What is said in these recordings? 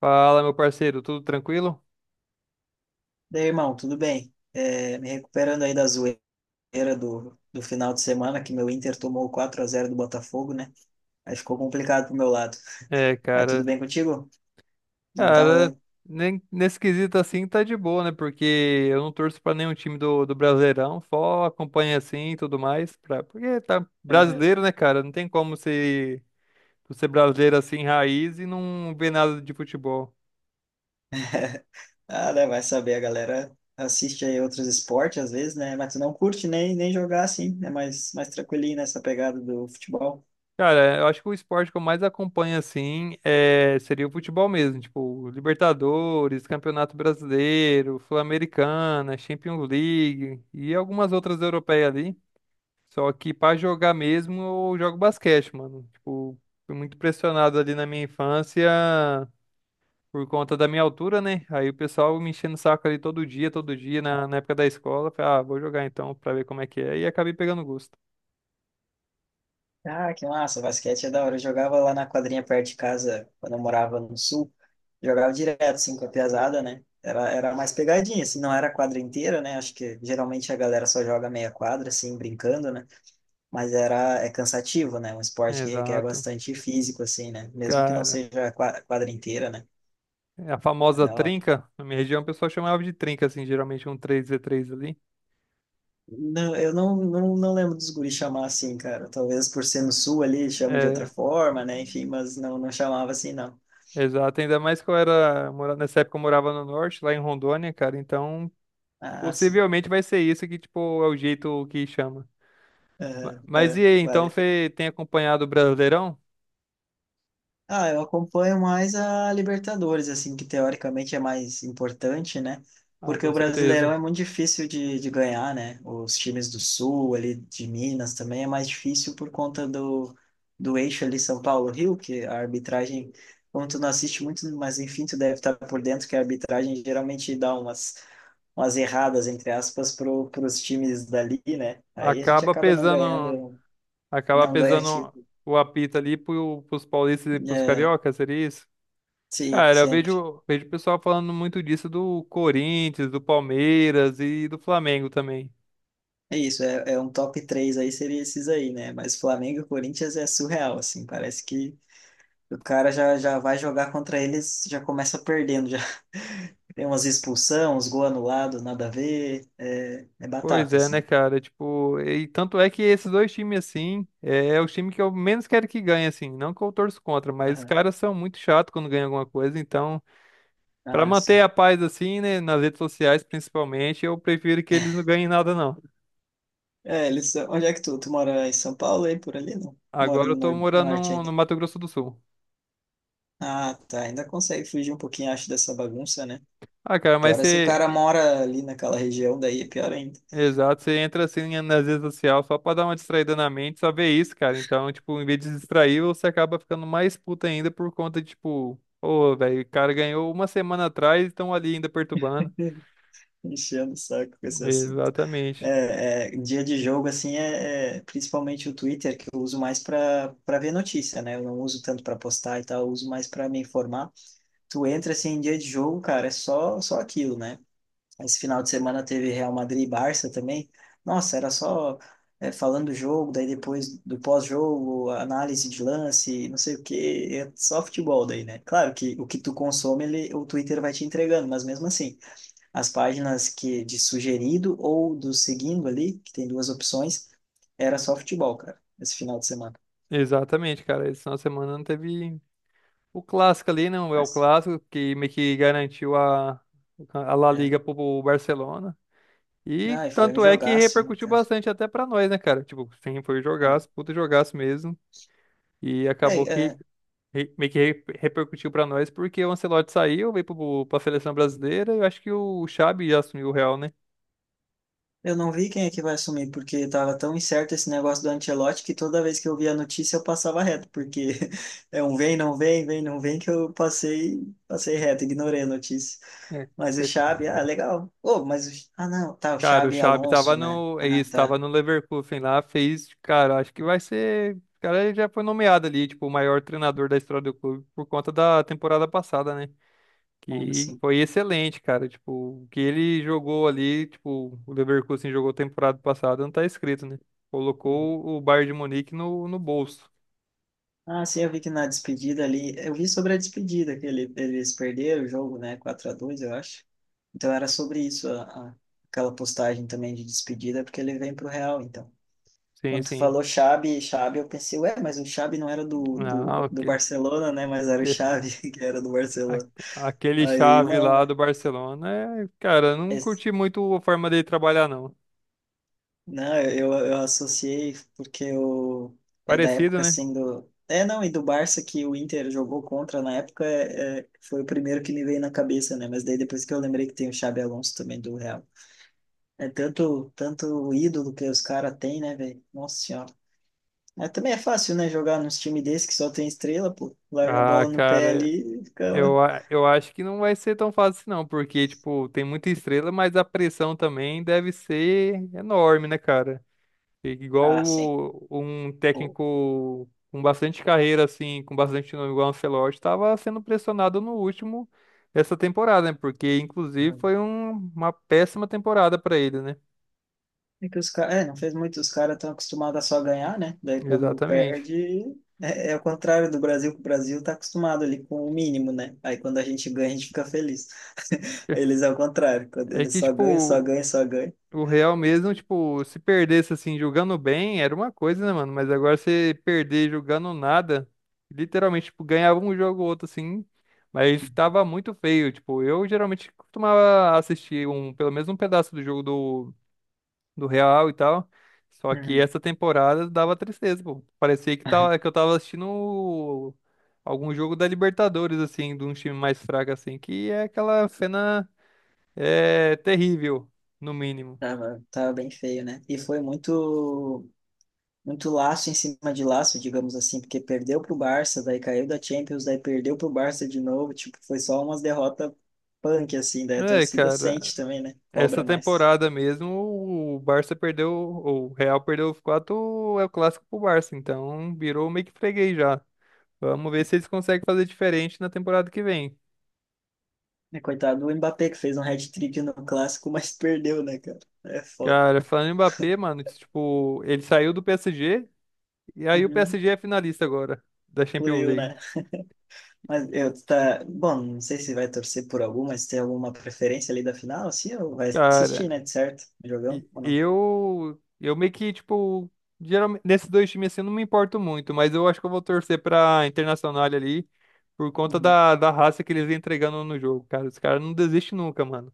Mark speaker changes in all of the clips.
Speaker 1: Fala, meu parceiro, tudo tranquilo?
Speaker 2: Daí, irmão, tudo bem? Me recuperando aí da zoeira do final de semana, que meu Inter tomou 4-0 do Botafogo, né? Aí ficou complicado pro meu lado.
Speaker 1: É,
Speaker 2: Mas tudo
Speaker 1: cara,
Speaker 2: bem contigo? Não tá
Speaker 1: cara,
Speaker 2: rolando?
Speaker 1: nem, nesse quesito assim tá de boa, né? Porque eu não torço pra nenhum time do Brasileirão, só acompanho assim e tudo mais, pra, porque tá
Speaker 2: Uhum.
Speaker 1: brasileiro, né, cara? Não tem como ser, tu ser brasileiro assim, raiz e não ver nada de futebol.
Speaker 2: Ah, né, vai saber, a galera assiste aí outros esportes às vezes, né? Mas tu não curte nem jogar assim, é mais tranquilinho nessa pegada do futebol.
Speaker 1: Cara, eu acho que o esporte que eu mais acompanho assim é, seria o futebol mesmo, tipo Libertadores, Campeonato Brasileiro, Sul-Americana, Champions League e algumas outras europeias ali. Só que pra jogar mesmo, eu jogo basquete, mano. Tipo, fui muito pressionado ali na minha infância por conta da minha altura, né? Aí o pessoal me enchendo o saco ali todo dia, na época da escola. Eu Falei, ah, vou jogar então pra ver como é que é. E acabei pegando gosto.
Speaker 2: Ah, que massa, basquete é da hora. Eu jogava lá na quadrinha perto de casa, quando eu morava no sul. Jogava direto, assim, com a piazada, né? Era mais pegadinha, assim, não era a quadra inteira, né? Acho que geralmente a galera só joga meia quadra, assim, brincando, né? Mas é cansativo, né? Um esporte que requer
Speaker 1: Exato.
Speaker 2: bastante físico, assim, né? Mesmo que não
Speaker 1: Cara,
Speaker 2: seja a quadra inteira, né?
Speaker 1: é a
Speaker 2: É
Speaker 1: famosa
Speaker 2: da hora.
Speaker 1: trinca, na minha região o pessoal chamava de trinca, assim, geralmente um três v três ali.
Speaker 2: Não, eu não lembro dos guris chamar assim, cara. Talvez por ser no sul ali, chame de outra
Speaker 1: É,
Speaker 2: forma, né? Enfim, mas não chamava assim, não.
Speaker 1: exato. Ainda mais que eu era, nessa época eu morava no norte, lá em Rondônia, cara. Então
Speaker 2: Ah, sim.
Speaker 1: possivelmente vai ser isso que, tipo, é o jeito que chama.
Speaker 2: Aham,
Speaker 1: Mas e
Speaker 2: aham,
Speaker 1: aí, então
Speaker 2: vale.
Speaker 1: você tem acompanhado o Brasileirão?
Speaker 2: Ah, eu acompanho mais a Libertadores, assim, que teoricamente é mais importante, né?
Speaker 1: Ah,
Speaker 2: Porque
Speaker 1: com
Speaker 2: o Brasileirão
Speaker 1: certeza.
Speaker 2: é muito difícil de ganhar, né? Os times do Sul, ali de Minas também é mais difícil por conta do eixo ali São Paulo-Rio, que a arbitragem, como tu não assiste muito, mas enfim, tu deve estar por dentro que a arbitragem geralmente dá umas erradas, entre aspas, pros times dali, né? Aí a gente
Speaker 1: Acaba
Speaker 2: acaba não
Speaker 1: pesando,
Speaker 2: ganhando,
Speaker 1: acaba
Speaker 2: não ganha,
Speaker 1: pesando
Speaker 2: tipo.
Speaker 1: o apito ali pro, pros paulistas e pros cariocas, seria isso?
Speaker 2: Sim,
Speaker 1: Cara, eu
Speaker 2: sempre.
Speaker 1: vejo, vejo o pessoal falando muito disso do Corinthians, do Palmeiras e do Flamengo também.
Speaker 2: É isso, é um top 3 aí, seria esses aí, né? Mas Flamengo e Corinthians é surreal, assim, parece que o cara já vai jogar contra eles, já começa perdendo, já tem umas expulsão, uns gol anulado, nada a ver, é
Speaker 1: Pois
Speaker 2: batata,
Speaker 1: é, né,
Speaker 2: assim.
Speaker 1: cara? Tipo, e tanto é que esses dois times, assim, é, é o time que eu menos quero que ganhe, assim. Não que eu torço contra, mas os
Speaker 2: Aham.
Speaker 1: caras são muito chatos quando ganham alguma coisa. Então, pra
Speaker 2: Ah,
Speaker 1: manter
Speaker 2: sim.
Speaker 1: a paz, assim, né, nas redes sociais, principalmente, eu prefiro que eles não ganhem nada, não.
Speaker 2: É, eles, são- onde é que tu mora em São Paulo aí, por ali, não? Mora
Speaker 1: Agora
Speaker 2: no
Speaker 1: eu tô morando
Speaker 2: norte
Speaker 1: no,
Speaker 2: ainda.
Speaker 1: no Mato Grosso do Sul.
Speaker 2: Ah, tá, ainda consegue fugir um pouquinho, acho, dessa bagunça, né?
Speaker 1: Ah, cara, mas
Speaker 2: Pior é se o
Speaker 1: você
Speaker 2: cara mora ali naquela região, daí é pior ainda.
Speaker 1: exato, você entra assim nas redes sociais só pra dar uma distraída na mente, só ver isso, cara. Então, tipo, em vez de se distrair, você acaba ficando mais puto ainda por conta de, tipo, ô, velho, o cara ganhou uma semana atrás e estão ali ainda perturbando.
Speaker 2: Enchendo o saco com esse assunto.
Speaker 1: Exatamente.
Speaker 2: Dia de jogo, assim, é principalmente o Twitter, que eu uso mais para ver notícia, né? Eu não uso tanto para postar e tal, eu uso mais para me informar. Tu entra, assim, em dia de jogo, cara, é só aquilo, né? Esse final de semana teve Real Madrid e Barça também. Nossa, era só falando do jogo, daí depois do pós-jogo, análise de lance, não sei o quê, é só futebol daí, né? Claro que o que tu consome, o Twitter vai te entregando, mas mesmo assim as páginas que de sugerido ou do seguindo ali, que tem duas opções, era só futebol, cara, esse final de semana.
Speaker 1: Exatamente, cara. Esse final de semana não teve o clássico ali, não. É o
Speaker 2: Mas,
Speaker 1: clássico que meio que garantiu a La
Speaker 2: é.
Speaker 1: Liga pro Barcelona. E
Speaker 2: Não, e foi um
Speaker 1: tanto é que
Speaker 2: jogaço, né,
Speaker 1: repercutiu
Speaker 2: cara?
Speaker 1: bastante até pra nós, né, cara? Tipo, sim, foi um
Speaker 2: Ah,
Speaker 1: jogaço, puta jogaço mesmo. E
Speaker 2: é,
Speaker 1: acabou que
Speaker 2: é,
Speaker 1: repercutiu pra nós, porque o Ancelotti saiu, veio pro, pra seleção brasileira, e eu acho que o Xabi assumiu o Real, né?
Speaker 2: eu não vi quem é que vai assumir, porque tava tão incerto esse negócio do Ancelotti que toda vez que eu via a notícia eu passava reto, porque é um vem, não vem, que eu passei, passei reto, ignorei a notícia.
Speaker 1: É.
Speaker 2: Mas o Xabi, ah, legal. Oh, mas o, ah, não, tá, o
Speaker 1: Cara, o
Speaker 2: Xabi
Speaker 1: Xabi tava
Speaker 2: Alonso, né?
Speaker 1: no, é
Speaker 2: Ah,
Speaker 1: isso,
Speaker 2: tá.
Speaker 1: tava no Leverkusen lá, fez, cara, acho que vai ser, o cara já foi nomeado ali, tipo, o maior treinador da história do clube por conta da temporada passada, né?
Speaker 2: Ah,
Speaker 1: Que
Speaker 2: sim.
Speaker 1: foi excelente, cara, tipo, o que ele jogou ali, tipo, o Leverkusen jogou temporada passada, não tá escrito, né? Colocou o Bayern de Munique no bolso.
Speaker 2: Ah, sim, eu vi que na despedida ali, eu vi sobre a despedida, que ele, eles perderam o jogo, né, 4-2 eu acho. Então era sobre isso, a- aquela postagem também de despedida, porque ele vem pro Real, então.
Speaker 1: Sim,
Speaker 2: Quando tu
Speaker 1: sim.
Speaker 2: falou Xabi, eu pensei, ué, mas o Xabi não era
Speaker 1: Não,
Speaker 2: do Barcelona, né, mas era o Xavi que era do Barcelona.
Speaker 1: aquele
Speaker 2: Aí,
Speaker 1: chave
Speaker 2: não,
Speaker 1: lá do Barcelona, é, cara, eu não
Speaker 2: né.
Speaker 1: curti muito a forma dele trabalhar, não.
Speaker 2: Não, eu associei porque eu, é da
Speaker 1: Parecido,
Speaker 2: época
Speaker 1: né?
Speaker 2: assim do. É, não, e do Barça que o Inter jogou contra na época foi o primeiro que me veio na cabeça, né? Mas daí depois que eu lembrei que tem o Xabi Alonso também do Real. É tanto, tanto o ídolo que os caras têm, né, velho? Nossa Senhora. É também é fácil, né, jogar nos times desse que só tem estrela, pô. Larga a
Speaker 1: Ah,
Speaker 2: bola no pé
Speaker 1: cara,
Speaker 2: ali e fica.
Speaker 1: eu, eu acho que não vai ser tão fácil, não, porque, tipo, tem muita estrela, mas a pressão também deve ser enorme, né, cara? Igual
Speaker 2: Ah, sim.
Speaker 1: um
Speaker 2: Pô.
Speaker 1: técnico com bastante carreira, assim, com bastante nome, igual o Ancelotti, estava sendo pressionado no último dessa temporada, né? Porque, inclusive, foi uma péssima temporada para ele, né?
Speaker 2: É que os caras, não fez muito, os caras estão acostumados a só ganhar, né? Daí quando
Speaker 1: Exatamente.
Speaker 2: perde, é o contrário do Brasil, que o Brasil tá acostumado ali com o mínimo, né? Aí quando a gente ganha, a gente fica feliz. Eles é o contrário, quando
Speaker 1: É
Speaker 2: eles
Speaker 1: que,
Speaker 2: só ganham, só
Speaker 1: tipo,
Speaker 2: ganham, só ganham.
Speaker 1: o Real mesmo, tipo, se perdesse assim, jogando bem, era uma coisa, né, mano? Mas agora você perder jogando nada, literalmente, tipo, ganhava um jogo ou outro, assim, mas tava muito feio. Tipo, eu geralmente costumava assistir um, pelo menos um pedaço do jogo do, do Real e tal. Só que
Speaker 2: Uhum.
Speaker 1: essa temporada dava tristeza, pô. Parecia que, tava, que eu tava assistindo algum jogo da Libertadores, assim, de um time mais fraco, assim, que é aquela cena é, terrível, no mínimo.
Speaker 2: Tava, tava bem feio, né? E foi muito laço em cima de laço, digamos assim, porque perdeu pro Barça, daí caiu da Champions, daí perdeu pro Barça de novo, tipo, foi só umas derrotas punk, assim, daí a
Speaker 1: É,
Speaker 2: torcida
Speaker 1: cara,
Speaker 2: sente também, né? Cobra
Speaker 1: essa
Speaker 2: mais.
Speaker 1: temporada mesmo, o Barça perdeu, o Real perdeu os quatro, é o clássico pro Barça, então virou meio que freguês já. Vamos ver se eles conseguem fazer diferente na temporada que vem.
Speaker 2: É, coitado do Mbappé que fez um hat-trick no clássico, mas perdeu, né, cara? É foda.
Speaker 1: Cara, falando em Mbappé, mano, tipo, ele saiu do PSG e aí o
Speaker 2: Uhum.
Speaker 1: PSG é finalista agora da Champions
Speaker 2: Fluiu,
Speaker 1: League.
Speaker 2: né? Mas eu tá. Bom, não sei se vai torcer por algum, mas tem alguma preferência ali da final, sim, ou vai assistir,
Speaker 1: Cara,
Speaker 2: né? De certo? O Jogão ou não?
Speaker 1: Eu meio que, tipo, geralmente, nesses dois times assim, eu não me importo muito, mas eu acho que eu vou torcer pra Internacional ali por conta
Speaker 2: Uhum.
Speaker 1: da, da raça que eles vêm entregando no jogo, cara. Os caras não desistem nunca, mano.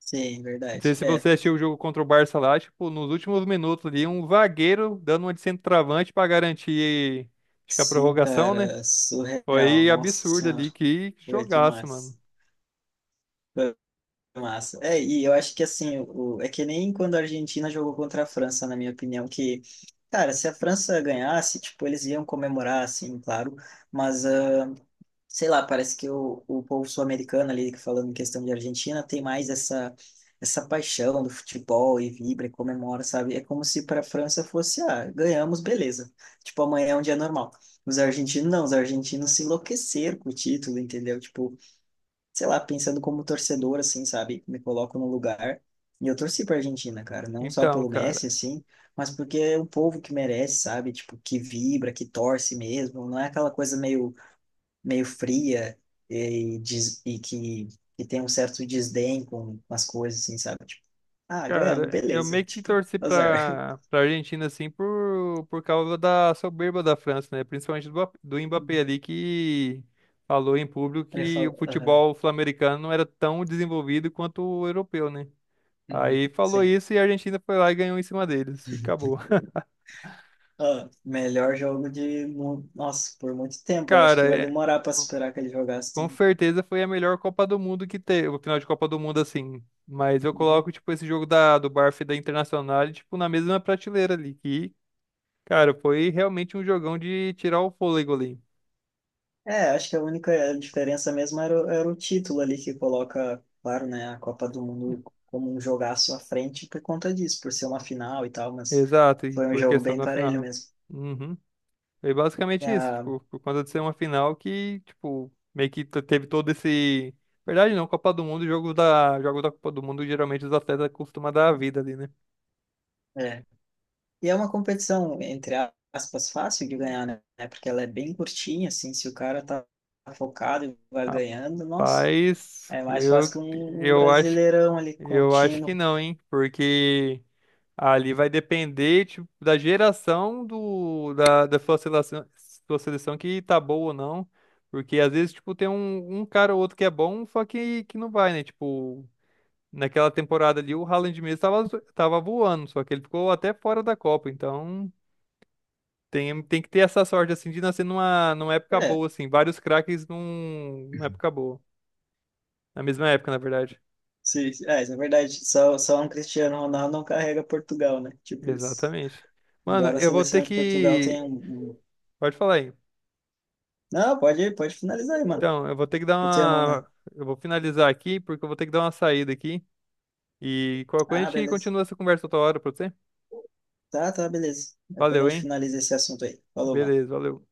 Speaker 2: Sim,
Speaker 1: Não
Speaker 2: verdade.
Speaker 1: sei se
Speaker 2: É.
Speaker 1: você assistiu o jogo contra o Barça lá, tipo, nos últimos minutos ali, um zagueiro dando uma de centroavante pra garantir, acho que a
Speaker 2: Sim,
Speaker 1: prorrogação, né?
Speaker 2: cara, surreal.
Speaker 1: Foi
Speaker 2: Nossa
Speaker 1: absurdo
Speaker 2: Senhora.
Speaker 1: ali, que
Speaker 2: Foi
Speaker 1: jogaço, mano.
Speaker 2: demais. Massa. É, e eu acho que assim, o, é que nem quando a Argentina jogou contra a França, na minha opinião, que, cara, se a França ganhasse, tipo, eles iam comemorar, assim, claro, mas, ah, sei lá, parece que o povo sul-americano ali, falando em questão de Argentina, tem mais essa, essa paixão do futebol e vibra e comemora, sabe? É como se para a França fosse, ah, ganhamos, beleza. Tipo, amanhã é um dia normal. Os argentinos não, os argentinos se enlouqueceram com o título, entendeu? Tipo, sei lá, pensando como torcedor, assim, sabe? Me coloco no lugar. E eu torci pra Argentina, cara. Não só
Speaker 1: Então,
Speaker 2: pelo Messi,
Speaker 1: cara.
Speaker 2: assim, mas porque é um povo que merece, sabe? Tipo, que vibra, que torce mesmo. Não é aquela coisa meio, meio fria e, e que tem um certo desdém com as coisas, assim, sabe? Tipo, ah, ganhamos,
Speaker 1: Cara, eu
Speaker 2: beleza.
Speaker 1: meio que
Speaker 2: Tipo,
Speaker 1: torci
Speaker 2: azar.
Speaker 1: pra, pra Argentina, assim, por causa da soberba da França, né? Principalmente do, do Mbappé ali, que falou em público
Speaker 2: Ele
Speaker 1: que o
Speaker 2: falou, aham,
Speaker 1: futebol sul-americano não era tão desenvolvido quanto o europeu, né?
Speaker 2: uhum,
Speaker 1: Aí falou
Speaker 2: sim.
Speaker 1: isso e a Argentina foi lá e ganhou em cima deles. E acabou.
Speaker 2: Ah, melhor jogo Nossa, por muito tempo. Eu acho
Speaker 1: Cara,
Speaker 2: que vai
Speaker 1: é,
Speaker 2: demorar para superar aquele
Speaker 1: com
Speaker 2: jogaço.
Speaker 1: certeza foi a melhor Copa do Mundo que teve, o final de Copa do Mundo, assim. Mas eu
Speaker 2: Uhum.
Speaker 1: coloco, tipo, esse jogo da, do Barça e da Internacional, tipo, na mesma prateleira ali, que cara, foi realmente um jogão de tirar o fôlego ali.
Speaker 2: É, acho que a única diferença mesmo era, era o título ali que coloca, claro, né, a Copa do Mundo como um jogaço à frente por conta disso, por ser uma final e tal, mas
Speaker 1: Exato, e
Speaker 2: foi um
Speaker 1: por
Speaker 2: jogo
Speaker 1: questão
Speaker 2: bem
Speaker 1: da
Speaker 2: parelho
Speaker 1: final.
Speaker 2: mesmo.
Speaker 1: Uhum. Foi
Speaker 2: E
Speaker 1: basicamente isso,
Speaker 2: a-
Speaker 1: tipo, por conta de ser uma final que, tipo, meio que teve todo esse. Verdade não, Copa do Mundo, jogo da Copa do Mundo, geralmente os atletas costumam dar a vida ali, né?
Speaker 2: é. E é uma competição, entre aspas, fácil de ganhar, né, porque ela é bem curtinha, assim, se o cara tá focado e vai ganhando, nossa,
Speaker 1: Rapaz,
Speaker 2: é mais fácil que um
Speaker 1: eu acho,
Speaker 2: brasileirão ali
Speaker 1: eu acho que
Speaker 2: contínuo.
Speaker 1: não, hein? Porque ali vai depender, tipo, da geração do, da, da sua seleção que tá boa ou não. Porque às vezes, tipo, tem um, um cara ou outro que é bom, só que não vai, né? Tipo, naquela temporada ali, o Haaland mesmo tava, tava voando, só que ele ficou até fora da Copa. Então, tem, tem que ter essa sorte, assim, de nascer numa, numa época
Speaker 2: É,
Speaker 1: boa, assim. Vários craques num, numa época boa. Na mesma época, na verdade.
Speaker 2: sim, é, isso é verdade, só um Cristiano Ronaldo não carrega Portugal, né, tipo isso.
Speaker 1: Exatamente. Mano,
Speaker 2: Embora a
Speaker 1: eu vou ter
Speaker 2: seleção de Portugal
Speaker 1: que...
Speaker 2: tenha um... um-
Speaker 1: Pode falar aí.
Speaker 2: Não, pode finalizar aí, mano.
Speaker 1: Então, eu vou ter que dar
Speaker 2: Eu tenho a mão na...
Speaker 1: uma. Eu vou finalizar aqui, porque eu vou ter que dar uma saída aqui. E qualquer coisa a
Speaker 2: Ah,
Speaker 1: gente
Speaker 2: beleza.
Speaker 1: continua essa conversa outra hora pra você.
Speaker 2: Tá, beleza. Depois a
Speaker 1: Valeu,
Speaker 2: gente
Speaker 1: hein?
Speaker 2: finaliza esse assunto aí. Falou, mano.
Speaker 1: Beleza, valeu.